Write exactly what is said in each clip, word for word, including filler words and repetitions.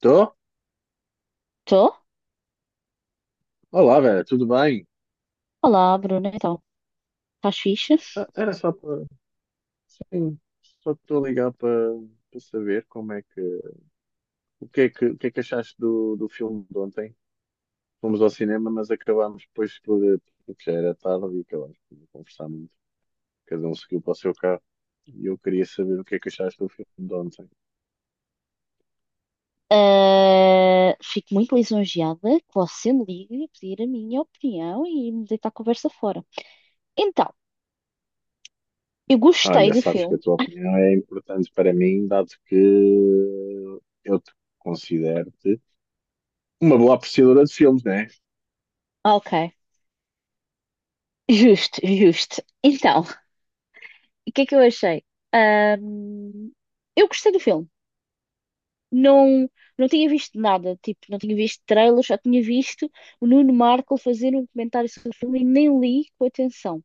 Tô? Estou? Olá, Vera, tudo bem? Olá, Bruna, então, estás fixe? Ah, era só para. Sim, só estou a ligar para para saber como é que. O que é que, o que é que achaste do, do filme de ontem? Fomos ao cinema, mas acabámos depois por. Porque já era tarde e acabámos por não conversar muito. Cada um seguiu para o seu carro. E eu queria saber o que é que achaste do filme de ontem. Ah, fico muito lisonjeada que você me ligue e pedir a minha opinião e me deitar a conversa fora. Então, eu gostei Olha, do sabes que a filme. tua opinião é importante para mim, dado que eu te considero-te uma boa apreciadora de filmes, não é? Ah, ok, justo, justo. Então, o que é que eu achei? Ahm, eu gostei do filme. Não, não tinha visto nada, tipo, não tinha visto trailers, só tinha visto o Nuno Marco fazer um comentário sobre o filme e nem li com atenção.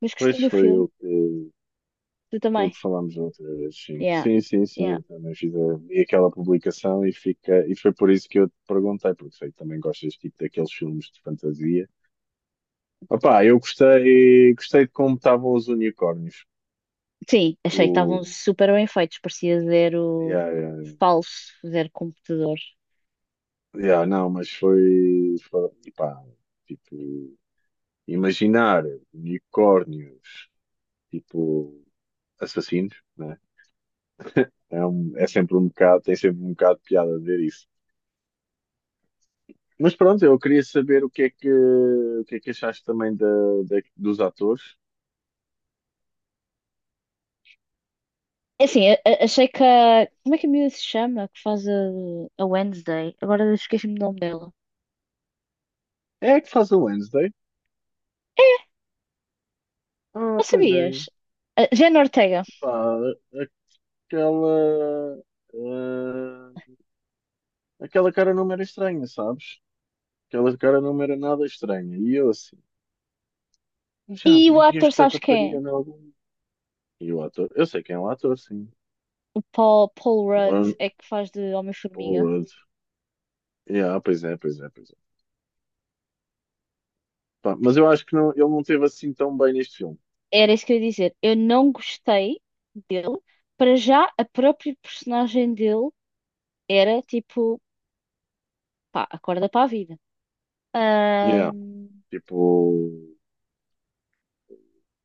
Mas gostei Pois do foi eu filme, que. tu Foi o também. que falámos da outra vez, sim. Yeah, Sim, sim, sim, yeah. eu também fiz a, vi aquela publicação e, fica, e foi por isso que eu te perguntei, porque sei que também gostas tipo, daqueles filmes de fantasia. Opá, eu gostei, gostei de como estavam os unicórnios. Sim, achei que estavam O, super bem feitos, parecia zero yeah, yeah, falso, zero computador. yeah, não, mas foi, foi, epá, tipo, imaginar unicórnios, tipo, assassinos, né? É, um, é sempre um bocado, tem sempre um bocado de piada ver isso. Mas pronto, eu queria saber o que é que, o que é que, achaste também da, da- dos atores. É assim, a- a- achei que a. Como é que a miúda se chama? Que faz a, a Wednesday? Agora esqueci-me do nome dela. É a que faz o Wednesday? Ah, Não pois sabias? é. A Jenna Ortega. Pá, aquela. ah, aquela cara não me era estranha, sabes? Aquela cara não me era nada estranha. E eu assim, "Eu já E o vi ator, esta sabes quem é? rapariga em algum. E o ator? Eu sei quem é o ator, sim. O Paul, Paul Rudd One é que faz de Homem-Formiga. Pollard. Yeah, pois é, pois é, pois é. Pá, mas eu acho que não, ele não teve assim tão bem neste filme. Era isso que eu ia dizer. Eu não gostei dele. Para já, a própria personagem dele era tipo, pá, acorda para a vida. Yeah, tipo.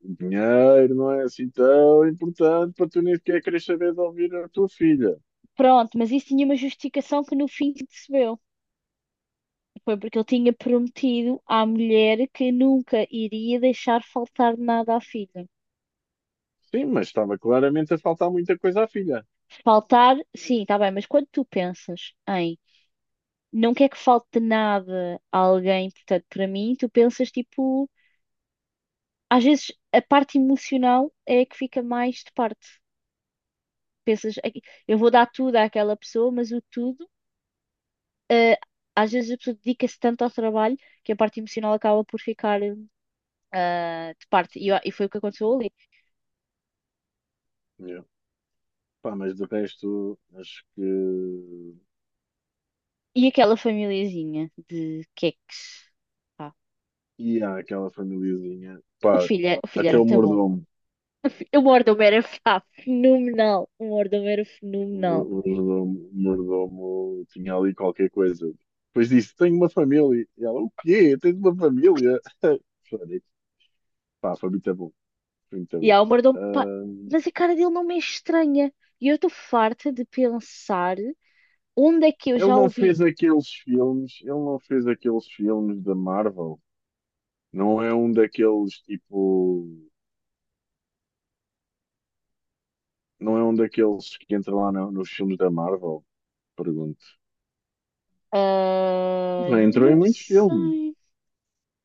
O dinheiro não é assim tão importante para tu nem sequer querer saber de ouvir a tua filha. Pronto, mas isso tinha uma justificação que no fim se percebeu. Foi porque ele tinha prometido à mulher que nunca iria deixar faltar nada à filha. Sim, mas estava claramente a faltar muita coisa à filha. Faltar, sim, está bem, mas quando tu pensas em não quer que falte nada a alguém, portanto, para mim, tu pensas tipo, às vezes a parte emocional é a que fica mais de parte. Pensas, "Ai, eu vou dar tudo àquela pessoa, mas o tudo, eh, às vezes a pessoa dedica-se tanto ao trabalho que a parte emocional acaba por ficar, hum, ah, de parte. E, Sim. eu- e foi o que aconteceu ali. Yeah. Pá, mas de resto, acho que. E aquela famíliazinha de queques. Pá, E há aquela famíliazinha. o Pá, filho, é- o filho até era o muito bom. mordomo. O mordomo era pá, fenomenal. O mordomo era O, fenomenal. o, mordomo, o mordomo tinha ali qualquer coisa. Depois disse: Tenho uma família. E ela: O quê? Tens uma família? Falei, pá, foi muito bom. Foi muito E bom. há o mordomo. Pá, mas a cara dele não me é estranha. E eu estou farta de pensar onde é que eu Ele já não fez ouvi. aqueles filmes, ele não fez aqueles filmes da Marvel. Não é um daqueles tipo. Não é um daqueles que entra lá no- nos filmes da Marvel? Pergunto. Ah, Já entrou em não muitos filmes. sei.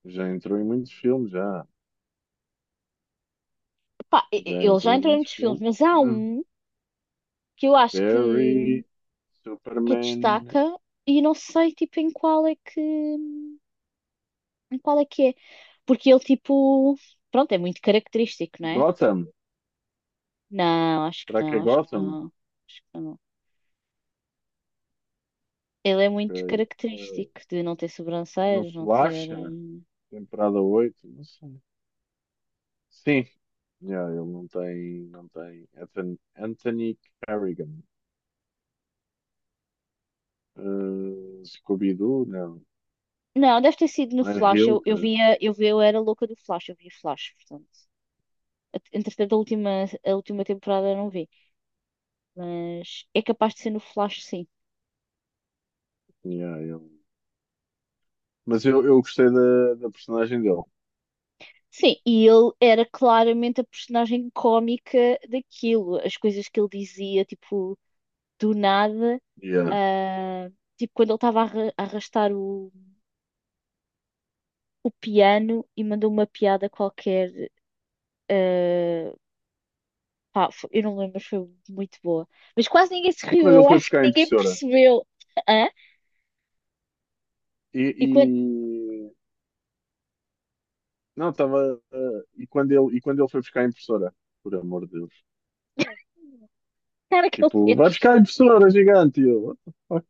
Já entrou em muitos filmes, já. Pá, e- e- Já ele já entrou em entrou em muitos muitos filmes, filmes. mas há Não. um que eu acho que, Barry, que Superman, destaca e não sei tipo em qual é que. Qual é que é? Porque ele, tipo, pronto, é muito característico, não é? Gotham. Não, acho que Será que é não, acho que Gotham? não, acho que não. Ele é muito Ok. Eh, característico de não ter no sobrancelhas, não ter. Flash, eh, temporada oito. Não sei. Sim, yeah, ele não tem, não tem. Anthony, Anthony Carrigan, Uh, Scooby-Doo, não. Não, deve ter sido no Anne Flash. Eu, eu Hilker, via, eu via, eu era louca do Flash, eu via Flash, portanto. Entretanto, a última, a última temporada eu não vi, mas é capaz de ser no Flash, sim. yeah, ele. Mas eu, eu gostei da, da, personagem dele. Sim, e ele era claramente a personagem cómica daquilo. As coisas que ele dizia, tipo, do nada, Yeah. ah, tipo quando ele estava a arra- a arrastar o, o piano e mandou uma piada qualquer. ah, Pá, fo- eu não lembro, mas foi muito boa. Mas quase ninguém se E riu, quando ele eu foi acho que buscar a ninguém impressora? percebeu. Hã? E, E quando e- não, estava. e, quando ele, e quando ele foi buscar a impressora? Por amor de Deus. A cara que ele Tipo, fez, vai buscar a impressora gigante! E eu, "What the fuck?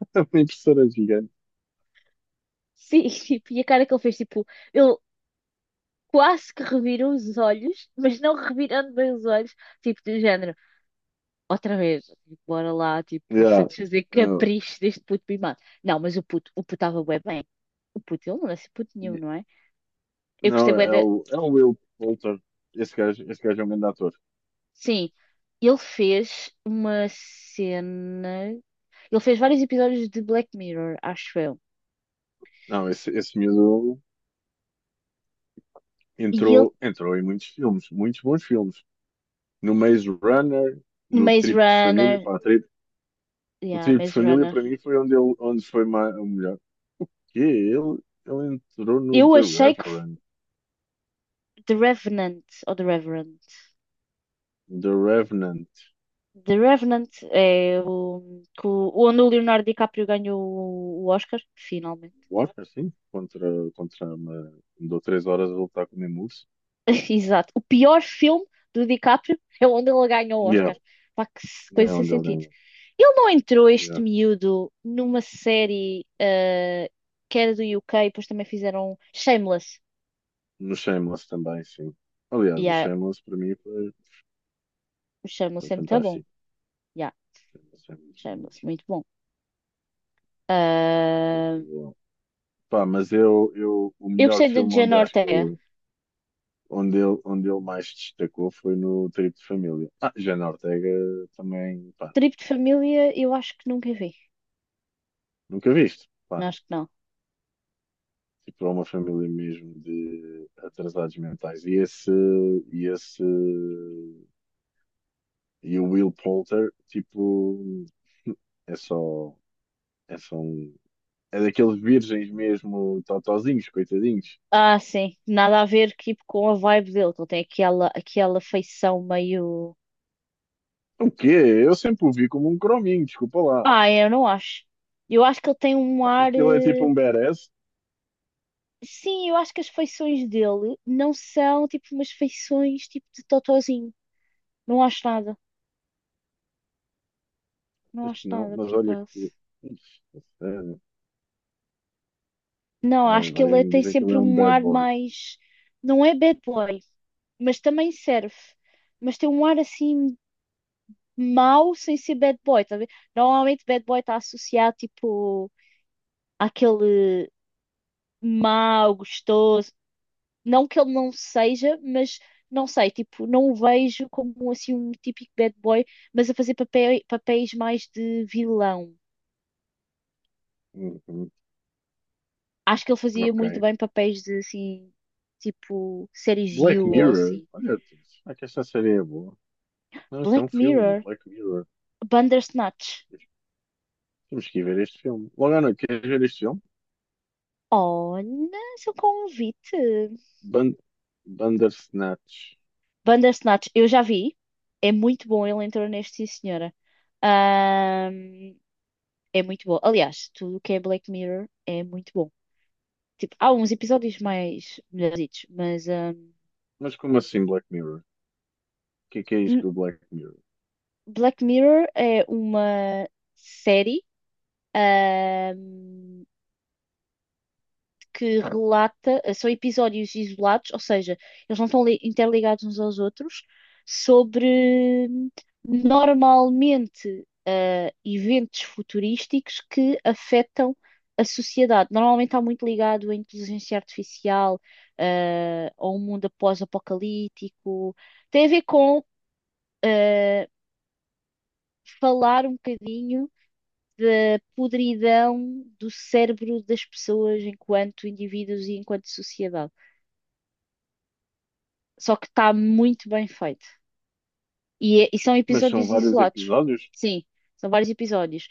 Uma impressora gigante. sim, tipo, e a cara que ele fez, tipo, ele quase que revirou os olhos, mas não revirando bem os olhos, tipo, do género. Outra vez, tipo, bora lá, tipo, Yeah. satisfazer Yeah. capricho deste puto mimado. Não, mas o puto, o puto estava bué bem. O puto, ele não nasce puto nenhum, não é? Eu gostei Não, bué é da. o, é o Will Poulter. Esse gajo, esse gajo é um grande ator. Sim, ele fez uma cena. Ele fez vários episódios de Black Mirror, acho eu. Não, esse, esse miúdo E ele, entrou, entrou em muitos filmes, muitos bons filmes. No Maze Runner, no Maze Trip de Família, Runner. pá, Trip- o Yeah, Trip de Maze Família Runner. para mim foi onde ele, onde foi mais, o melhor. Que ele, ele entrou no Eu The achei que f- Reverend, The Revenant, ou The Reverend. The Revenant, The Revenant é o, que o- onde o Leonardo DiCaprio ganhou o o Oscar, finalmente. what, assim, contra, contra uma, andou três horas a lutar com o mesmo urso. Exato. O pior filme do DiCaprio é onde ele ganha o Yeah, Oscar. Pá, que se- coisa é sem onde ele sentido. ganhou. Ele não entrou, este Yeah. miúdo, numa série eh, que era do U k depois também fizeram Shameless. No Shameless também, sim. Aliás, o Yeah, Shameless para mim foi. o Shameless Foi é muito bom. fantástico. Yeah, Foi muito bom Shameless, mesmo. muito bom. Muito Ah, bom. Pá, mas eu, eu, o eu melhor gostei de filme onde Jenna acho que Ortega. ele, onde ele, onde ele mais destacou foi no Trip de Família. Ah, Jana Ortega também, pá, Tribo de Família, eu acho que nunca vi. nunca viste. Pá, Acho que não. tipo, é uma família mesmo de atrasados mentais. E esse, e esse, e o Will Poulter, tipo, é só, é só um, é daqueles virgens mesmo, totozinhos, coitadinhos. Ah, sim. Nada a ver tipo, com a vibe dele. Ele tem aquela, aquela feição meio. O quê? Eu sempre o vi como um crominho, desculpa lá. Ah, é, eu não acho. Eu acho que ele tem um Achas ar. que ele é tipo eh, um badass? Sim, eu acho que as feições dele não são tipo umas feições tipo de totozinho. Não acho nada. Não Acho acho que não, nada, mas por olha acaso. que. Ixi, a sério. Não, Ah, acho que ele é- vais-me tem dizer que ele sempre é um um bad ar boy. mais. Não é bad boy, mas também serve. Mas tem um ar assim mau sem ser bad boy, tá a ver? Normalmente bad boy está associado tipo àquele mau, gostoso. Não que ele não seja, mas não sei, tipo, não o vejo como assim um típico bad boy, mas a fazer papéis, papéis mais de vilão. Uhum, Acho que ele fazia ok. muito bem papéis de assim, tipo, séries You Black ou Mirror? assim. Olha, será que esta série é boa? Não, isto é um Black filme, Mirror, Black Mirror. Bandersnatch. Temos que ir ver este filme. Logo à noite, queres ver este filme? Olha, seu convite. Ban Bandersnatch. Bandersnatch, eu já vi. É muito bom, ele entrou neste, sim, senhora. Ahm, É muito bom. Aliás, tudo o que é Black Mirror é muito bom. Tipo, há uns episódios mais melhorzitos, mas hum, Mas como assim Black Mirror? O que é que é isto L- do Black Mirror? Black Mirror é uma série hum, que relata, são episódios isolados, ou seja, eles não estão li- interligados uns aos outros, sobre hum, normalmente eh, eventos futurísticos que afetam a sociedade. Normalmente está muito ligado à inteligência artificial, eh, ao mundo pós-apocalíptico. Tem a ver com eh, falar um bocadinho da podridão do cérebro das pessoas enquanto indivíduos e enquanto sociedade. Só que está muito bem feito. E, é- e são Mas são episódios vários isolados. episódios? Sim, são vários episódios.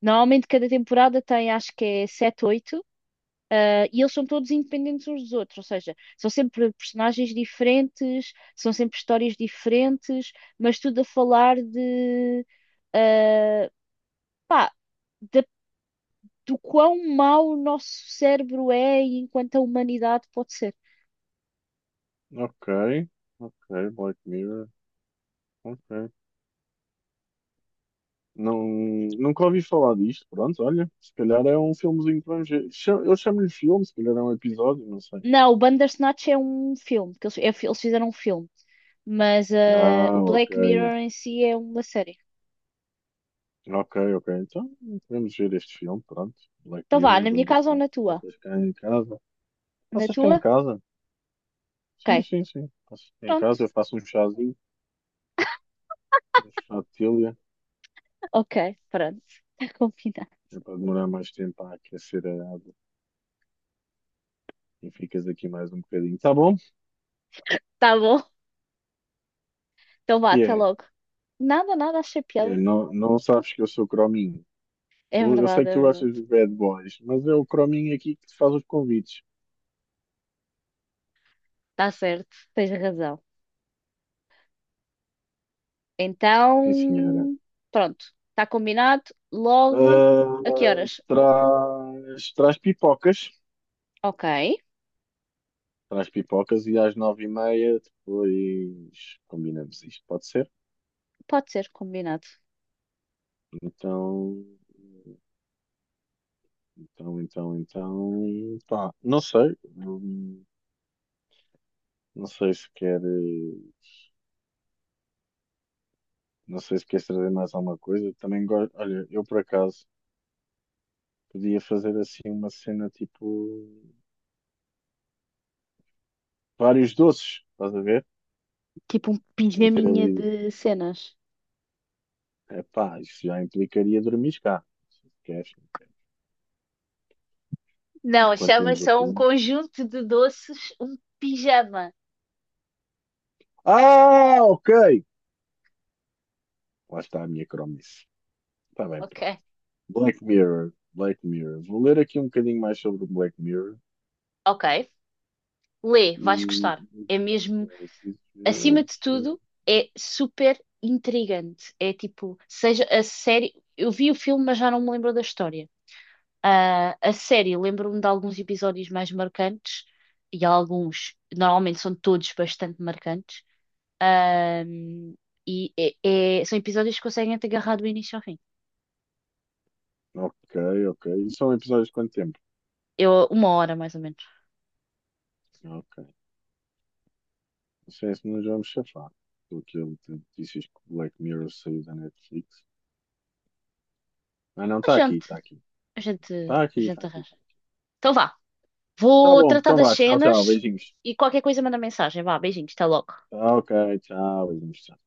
Normalmente cada temporada tem, acho que é sete oito eh, e eles são todos independentes uns dos outros, ou seja, são sempre personagens diferentes, são sempre histórias diferentes, mas tudo a falar de, ah, da do quão mau o nosso cérebro é e enquanto a humanidade pode ser. Ok, ok, Black Mirror. Ok. Não, nunca ouvi falar disto. Pronto, olha, se calhar é um filmezinho para ver. Cha- Eu chamo-lhe filme, se calhar é um episódio, não sei. Não, o Bandersnatch é um filme, que eles, é fi- eles fizeram um filme, mas eh, Ah, o ok. Black Mirror em si é uma série. Ok, ok. Então, podemos ver este filme, pronto. Black Então vá, Mirror, na minha dono das casa ou mãos. na tua? Passas cá em casa. Na Passas cá em tua? casa? Sim, Ok, sim, sim. Passas cá em pronto. casa, eu faço um chazinho, um chá de telha. Ok, pronto. Está combinado. É para demorar mais tempo a aquecer a água. E ficas aqui mais um bocadinho. Tá bom? Tá bom. Então vá, Que até é? logo. Nada, nada, achei Que piada. é? Não, não sabes que eu sou crominho. É Eu eu sei verdade, que é tu gostas verdade. dos bad boys, mas é o Crominho aqui que te faz os convites. Está certo, tens razão. Sim, senhora. Então, pronto. Está combinado. Logo, a que Ah, horas? traz, traz pipocas. Ok. Traz pipocas e às nove e meia depois combinamos isto, pode ser? Pode ser, combinado. Então, então, então, então, pá, não sei. Hum, Não sei se quer, eh, não sei se queres trazer mais alguma coisa. Também gosto, olha, eu por acaso podia fazer assim uma cena tipo vários doces, estás a ver? Tipo um Meter pijaminha ali. de cenas. Epá, isso já implicaria dormir cá. Se queres, Não, enquanto chama vemos o só um filme. conjunto de doces, um pijama. Ah, ok! Lá está a minha cromice. Está bem, Ok. pronto. Black Mirror. Black Mirror. Vou ler aqui um bocadinho mais sobre o Black Mirror Ok. Lê, vais e. gostar. É mesmo, acima de tudo, é super intrigante. É tipo, seja a série. Eu vi o filme, mas já não me lembro da história. Ah, a série, lembro-me de alguns episódios mais marcantes, e há alguns, normalmente são todos bastante marcantes. Ahm, e é- é- são episódios que conseguem te agarrar do início ao fim. Ok, ok. E são episódios de quanto tempo? Eu, uma hora, mais ou menos. Ok. Não sei se nos vamos chafar. Estou aqui a ler notícias que o Black Mirror saiu da Netflix. Ah, não, A está aqui, gente, está aqui. a gente, Está a aqui, está gente aqui. arranja. Então vá. Tá Vou bom, tratar então das vá. Tchau, tchau. cenas Beijinhos. e qualquer coisa manda mensagem. Vá, beijinhos, até logo. Tá, ok, tchau, beijinhos, tchau.